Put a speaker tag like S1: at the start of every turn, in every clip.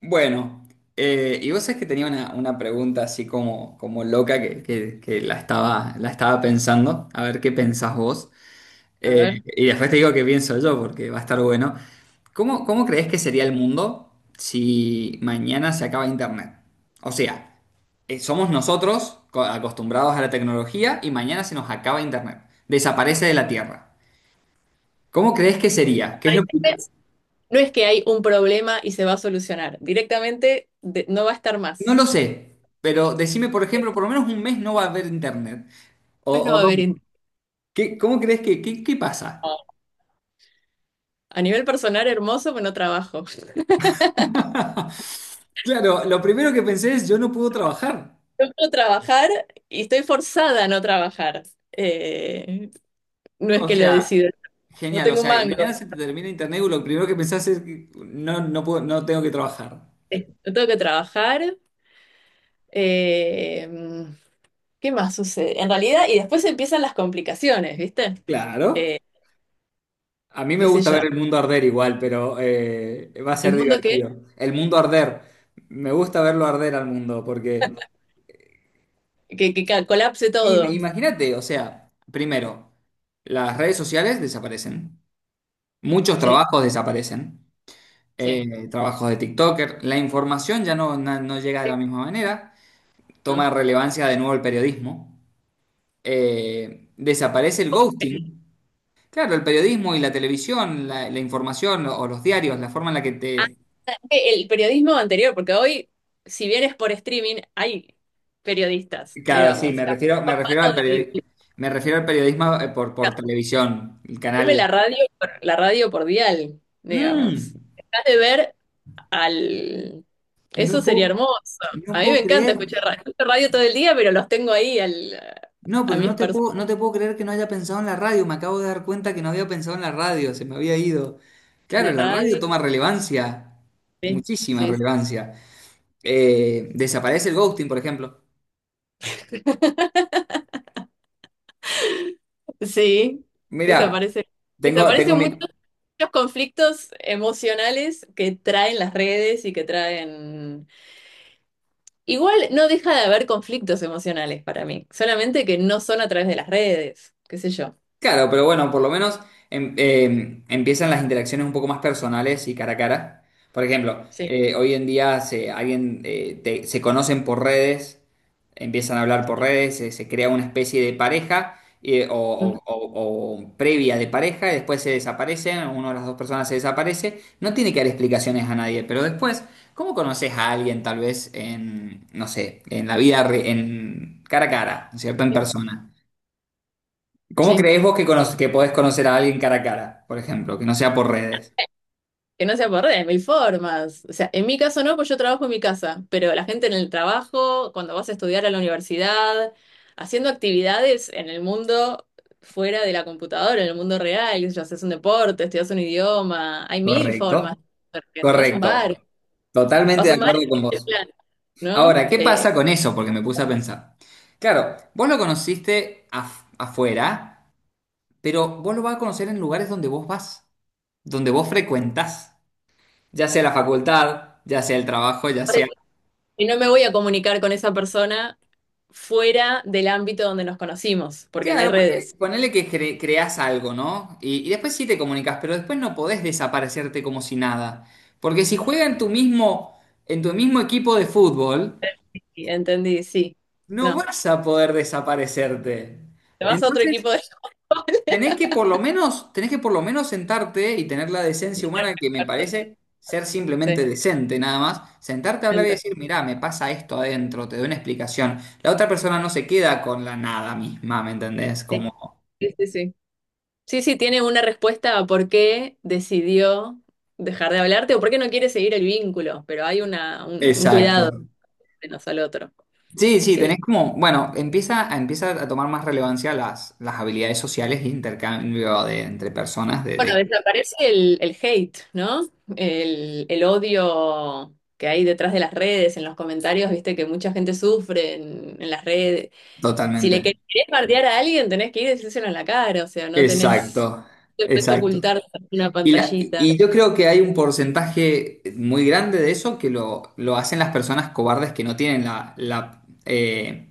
S1: Bueno, y vos sabés que tenía una pregunta así como loca que la estaba pensando, a ver qué pensás vos.
S2: A
S1: Eh,
S2: ver.
S1: y después te digo qué pienso yo porque va a estar bueno. ¿Cómo, cómo creés que sería el mundo si mañana se acaba Internet? O sea, somos nosotros acostumbrados a la tecnología y mañana se nos acaba Internet. Desaparece de la Tierra. ¿Cómo crees que sería? ¿Qué es lo que-
S2: Es- No es que hay un problema y se va a solucionar. Directamente no va a estar
S1: No
S2: más.
S1: lo sé, pero decime, por ejemplo, por lo menos un mes no va a haber Internet.
S2: Pues no
S1: O
S2: va a
S1: dos.
S2: haber.
S1: ¿Qué- cómo crees que, qué, qué pasa?
S2: A nivel personal, hermoso, pero no trabajo.
S1: Claro, lo primero que pensé es, yo no puedo trabajar.
S2: Yo puedo trabajar y estoy forzada a no trabajar. Eh, no es
S1: O
S2: que lo
S1: sea,
S2: decido. No
S1: genial, o
S2: tengo un
S1: sea,
S2: mango.
S1: mañana se te termina internet y lo primero que pensás es, que no, no puedo, no tengo que trabajar.
S2: No tengo que trabajar. Eh, ¿Qué más sucede? En realidad, y después empiezan las complicaciones, ¿viste?
S1: Claro.
S2: Eh,
S1: A mí me
S2: Qué sé
S1: gusta
S2: yo.
S1: ver el mundo arder igual, pero va a ser
S2: El mundo que,
S1: divertido. El mundo arder. Me gusta verlo arder al mundo, porque
S2: que, que ca- colapse todo.
S1: imagínate, o sea, primero, las redes sociales desaparecen. Muchos
S2: Sí,
S1: trabajos desaparecen.
S2: sí.
S1: Eh, trabajos de TikToker. La información ya no llega de
S2: Sí,
S1: la misma manera. Toma
S2: ¿no?
S1: relevancia de nuevo el periodismo. Desaparece el ghosting. Claro, el periodismo y la televisión, la información o los diarios, la forma en la que te...
S2: El periodismo anterior, porque hoy, si bien es por streaming, hay periodistas,
S1: Claro, sí,
S2: digamos. Claro, El
S1: me refiero
S2: formato de
S1: me refiero al periodismo por televisión, el
S2: ponme
S1: canal...
S2: la radio, la radio por dial, digamos.
S1: Mm,
S2: Dejas de ver al. Eso
S1: no
S2: sería
S1: puedo,
S2: hermoso.
S1: no
S2: A mí me
S1: puedo
S2: encanta
S1: creer.
S2: escuchar radio, escucho radio todo el día, pero los tengo ahí al,
S1: No,
S2: a
S1: pero no
S2: mis
S1: te
S2: personas
S1: puedo, no te puedo creer que no haya pensado en la radio. Me acabo de dar cuenta que no había pensado en la radio, se me había ido.
S2: en
S1: Claro,
S2: la
S1: la radio
S2: radio.
S1: toma relevancia,
S2: Sí,
S1: muchísima
S2: sí, sí.
S1: relevancia. Desaparece el ghosting, por ejemplo.
S2: Sí,
S1: Mira,
S2: desaparece.
S1: tengo, tengo
S2: Desaparecen
S1: mi,
S2: muchos de los conflictos emocionales que traen las redes y que traen. Igual no deja de haber conflictos emocionales para mí, solamente que no son a través de las redes, qué sé yo.
S1: Claro, pero bueno, por lo menos empiezan las interacciones un poco más personales y cara a cara. Por ejemplo,
S2: Sí.
S1: hoy en día se, alguien, se conocen por redes, empiezan a hablar por redes, se crea una especie de pareja o,
S2: Mm,
S1: o previa de pareja y después se desaparecen, una de las dos personas se desaparece. No tiene que dar explicaciones a nadie, pero después, ¿cómo conoces a alguien tal vez en, no sé, en la vida, en cara a cara, ¿no es cierto? En persona. ¿Cómo
S2: sí,
S1: creéis vos que podés conocer a alguien cara a cara, por ejemplo, que no sea por redes?
S2: que no sea por redes, mil formas. O sea, en mi caso no, pues yo trabajo en mi casa, pero la gente en el trabajo, cuando vas a estudiar a la universidad, haciendo actividades en el mundo fuera de la computadora, en el mundo real, qué sé yo, haces un deporte, estudias un idioma, hay mil formas
S1: Correcto,
S2: de repente. Vas a un
S1: correcto.
S2: bar,
S1: Totalmente
S2: vas
S1: de
S2: a un bar,
S1: acuerdo con
S2: en
S1: vos.
S2: plan, ¿no?
S1: Ahora, ¿qué pasa con eso? Porque me puse a pensar. Claro, vos lo conociste afuera, pero vos lo vas a conocer en lugares donde vos vas, donde vos frecuentás, ya sea la facultad, ya sea el trabajo, ya sea
S2: Y no me voy a comunicar con esa persona fuera del ámbito donde nos conocimos, porque no hay
S1: Claro, ponele,
S2: redes.
S1: ponele que creás algo, ¿no? Y después sí te comunicas, pero después no podés desaparecerte como si nada. Porque si juega en tu mismo equipo de fútbol,
S2: Y entendí, sí.
S1: no
S2: No.
S1: vas a poder desaparecerte.
S2: Te vas a otro
S1: Entonces,
S2: equipo de.
S1: tenés que por lo menos, tenés que por lo menos sentarte y tener la decencia humana que me parece ser
S2: Sí,
S1: simplemente decente, nada más. Sentarte a hablar y
S2: entiendo.
S1: decir, mirá, me pasa esto adentro, te doy una explicación. La otra persona no se queda con la nada misma, ¿me entendés?
S2: Sí,
S1: Como.
S2: sí, sí. Sí, sí, sí, tiene una respuesta a por qué decidió dejar de hablarte o por qué no quiere seguir el vínculo, pero hay un cuidado
S1: Exacto.
S2: menos al otro.
S1: Sí, sí, tenés
S2: Sí.
S1: como, bueno, empieza a, empieza a tomar más relevancia las habilidades sociales e intercambio de, entre personas
S2: Bueno,
S1: de-
S2: desaparece el hate, ¿no? El odio que hay detrás de las redes, en los comentarios, viste que mucha gente sufre en las redes. Si le
S1: totalmente.
S2: querés bardear a alguien, tenés que ir y decírselo en la cara, o sea,
S1: Exacto,
S2: no te puedes
S1: exacto.
S2: ocultar tras una pantallita.
S1: Y yo creo que hay un porcentaje muy grande de eso que lo hacen las personas cobardes que no tienen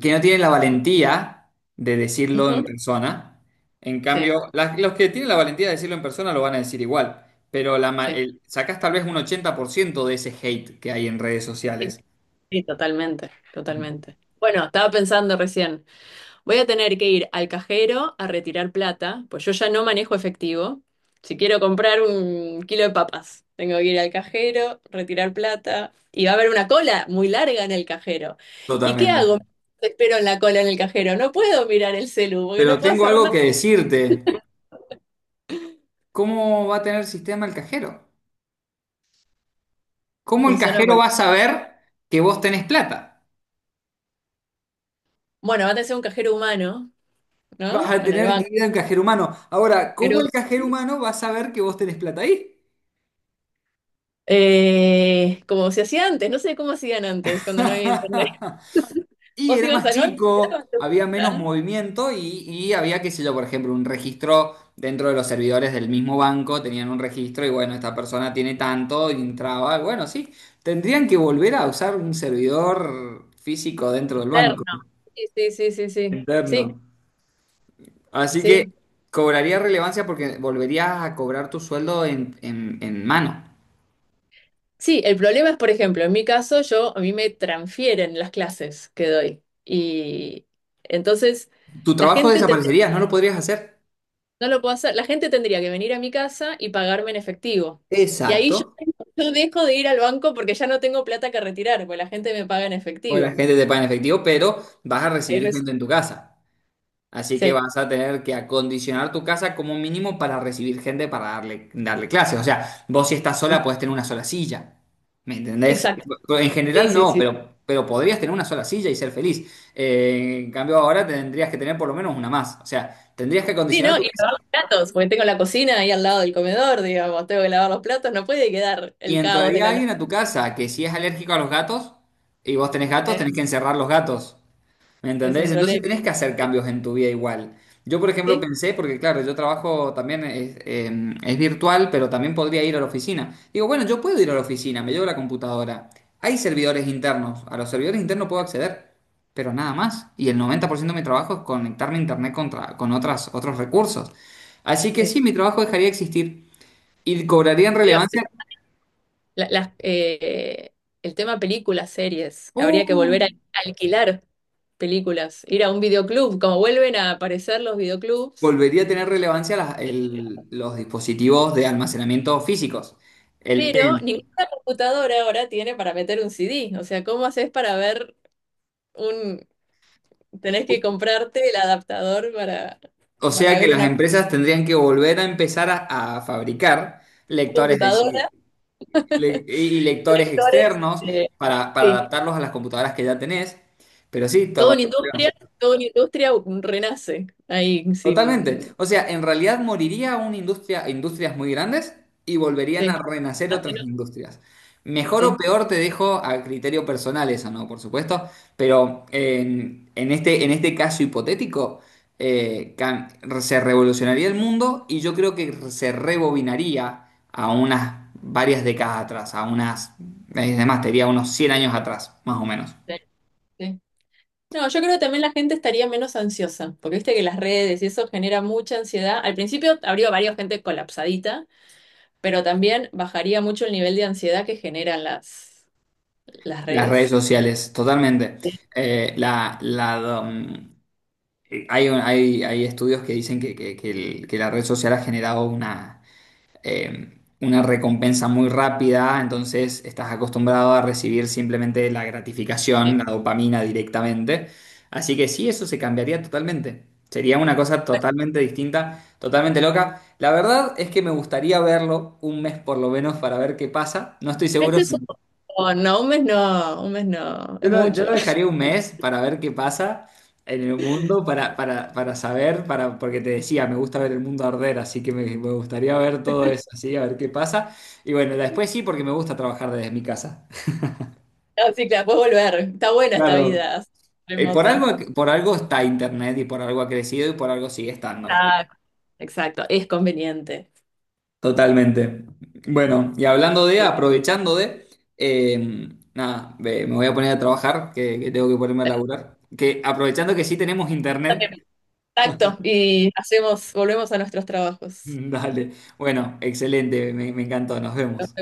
S1: que no tienen la valentía de decirlo en
S2: Ujú,
S1: persona. En
S2: sí,
S1: cambio, los que tienen la valentía de decirlo en persona lo van a decir igual, pero
S2: sí,
S1: sacás tal vez un 80% de ese hate que hay en redes
S2: sí,
S1: sociales.
S2: sí, totalmente, totalmente. Bueno, estaba pensando recién, voy a tener que ir al cajero a retirar plata, pues yo ya no manejo efectivo. Si quiero comprar un kilo de papas, tengo que ir al cajero, retirar plata, y va a haber una cola muy larga en el cajero. ¿Y qué hago?
S1: Totalmente.
S2: Espero en la cola en el cajero. No puedo mirar el celu, porque no
S1: Pero
S2: puedo
S1: tengo
S2: hacer
S1: algo
S2: nada.
S1: que decirte. ¿Cómo va a tener sistema el cajero? ¿Cómo el
S2: Funciona
S1: cajero
S2: porque,
S1: va a saber que vos tenés plata?
S2: bueno, va a tener un cajero humano,
S1: Vas
S2: ¿no?
S1: a
S2: En el
S1: tener que
S2: banco.
S1: ir al cajero humano. Ahora, ¿cómo
S2: Pero,
S1: el cajero humano va a saber que vos tenés plata ahí?
S2: como se hacía antes, no sé cómo hacían antes cuando no había internet.
S1: Y
S2: Vos
S1: era
S2: ibas
S1: más
S2: al banco y te
S1: chico,
S2: dabas tu
S1: había menos
S2: plata.
S1: movimiento y había, qué sé yo, por ejemplo, un registro dentro de los servidores del mismo banco, tenían un registro y bueno, esta persona tiene tanto, y entraba, bueno, sí, tendrían que volver a usar un servidor físico dentro del
S2: Externo.
S1: banco,
S2: Sí, sí, sí, sí, sí.
S1: interno.
S2: Sí,
S1: Así que
S2: sí.
S1: cobraría relevancia porque volverías a cobrar tu sueldo en mano.
S2: Sí, el problema es, por ejemplo, en mi caso, yo, a mí me transfieren las clases que doy. Y entonces,
S1: Tu
S2: la
S1: trabajo
S2: gente
S1: desaparecería, no lo podrías hacer.
S2: no lo puedo hacer. La gente tendría que venir a mi casa y pagarme en efectivo. Y ahí yo,
S1: Exacto.
S2: yo dejo de ir al banco porque ya no tengo plata que retirar, porque la gente me paga en
S1: Bueno, la
S2: efectivo.
S1: gente te paga en efectivo, pero vas a
S2: Ahí
S1: recibir
S2: resu-
S1: gente en tu casa. Así que
S2: Sí,
S1: vas a tener que acondicionar tu casa como mínimo para recibir gente para darle clases. O sea, vos si estás sola podés tener una sola silla. ¿Me entendés?
S2: exacto.
S1: En
S2: Sí,
S1: general
S2: sí,
S1: no,
S2: sí.
S1: pero podrías tener una sola silla y ser feliz. En cambio ahora tendrías que tener por lo menos una más. O sea, tendrías que
S2: Sí,
S1: acondicionar
S2: ¿no?
S1: tu
S2: Y lavar
S1: casa
S2: los platos, porque tengo la cocina ahí al lado del comedor, digamos, tengo que lavar los platos, no puede quedar
S1: y
S2: el caos de
S1: entraría
S2: la noche.
S1: alguien a tu casa que si es alérgico a los gatos y vos tenés gatos,
S2: Eh,
S1: tenés que encerrar los gatos. ¿Me
S2: es un
S1: entendés? Entonces
S2: problema.
S1: tenés que hacer cambios en tu vida igual. Yo, por ejemplo,
S2: Sí.
S1: pensé, porque claro, yo trabajo también, es, es virtual, pero también podría ir a la oficina. Digo, bueno, yo puedo ir a la oficina, me llevo la computadora. Hay servidores internos, a los servidores internos puedo acceder, pero nada más. Y el 90% de mi trabajo es conectarme a internet contra, con otras, otros recursos. Así que sí, mi trabajo dejaría de existir y cobraría
S2: Sí.
S1: relevancia,
S2: La- las, eh, el tema películas, series. Habría que
S1: ¡Uh!
S2: volver a alquilar películas, ir a un videoclub, como vuelven a aparecer los videoclubs.
S1: Volvería a tener relevancia los dispositivos de almacenamiento físicos. El P
S2: Pero ninguna computadora ahora tiene para meter un CD. O sea, ¿cómo haces para ver un? Tenés que comprarte el adaptador para,
S1: O
S2: para
S1: sea que
S2: ver
S1: las
S2: una
S1: empresas tendrían que volver a empezar a fabricar lectores de
S2: computadora,
S1: y lectores
S2: lectores.
S1: externos para
S2: Sí,
S1: adaptarlos a las computadoras que ya tenés. Pero sí,
S2: toda
S1: toma.
S2: una industria, toda una industria renace ahí
S1: Totalmente.
S2: sin.
S1: O sea, en realidad moriría una industria, industrias muy grandes y volverían
S2: Sí,
S1: a renacer otras
S2: sí,
S1: industrias. Mejor o
S2: sí.
S1: peor te dejo a criterio personal eso, ¿no? Por supuesto. Pero en este caso hipotético, eh, cam- se revolucionaría el mundo y yo creo que se rebobinaría a unas varias décadas atrás, a unas, además, te diría unos 100 años atrás, más o menos.
S2: Sí. Sí. No, yo creo que también la gente estaría menos ansiosa, porque viste que las redes y eso genera mucha ansiedad. Al principio habría varias gente colapsadita, pero también bajaría mucho el nivel de ansiedad que generan las
S1: Las redes
S2: redes.
S1: sociales, totalmente.
S2: Sí.
S1: Eh, la, la, um, Hay, hay estudios que dicen que, que la red social ha generado una recompensa muy rápida, entonces estás acostumbrado a recibir simplemente la gratificación,
S2: Bueno,
S1: la dopamina directamente. Así que sí, eso se cambiaría totalmente. Sería una cosa totalmente distinta, totalmente loca. La verdad es que me gustaría verlo un mes por lo menos para ver qué pasa. No estoy seguro
S2: meses
S1: si
S2: un montón, no, un mes no, un mes no, es
S1: yo
S2: mucho.
S1: lo dejaría un mes para ver qué pasa en el mundo, para saber, para, porque te decía, me gusta ver el mundo arder, así que me gustaría ver todo eso, así, a ver qué pasa. Y bueno, después sí, porque me gusta trabajar desde mi casa.
S2: No, sí, claro, puedes volver. Está buena esta
S1: Claro.
S2: vida
S1: Por
S2: remota.
S1: algo, por algo está Internet y por algo ha crecido y por algo sigue estando.
S2: Ah, exacto, es conveniente.
S1: Totalmente. Bueno, y hablando de,
S2: Sí,
S1: aprovechando de, eh, nada, ve, me voy a poner a trabajar, que tengo que ponerme a
S2: estamos
S1: laburar. Que aprovechando que sí tenemos Internet.
S2: en contacto y hacemos, volvemos a nuestros trabajos.
S1: Dale. Bueno, excelente, me encantó, nos vemos.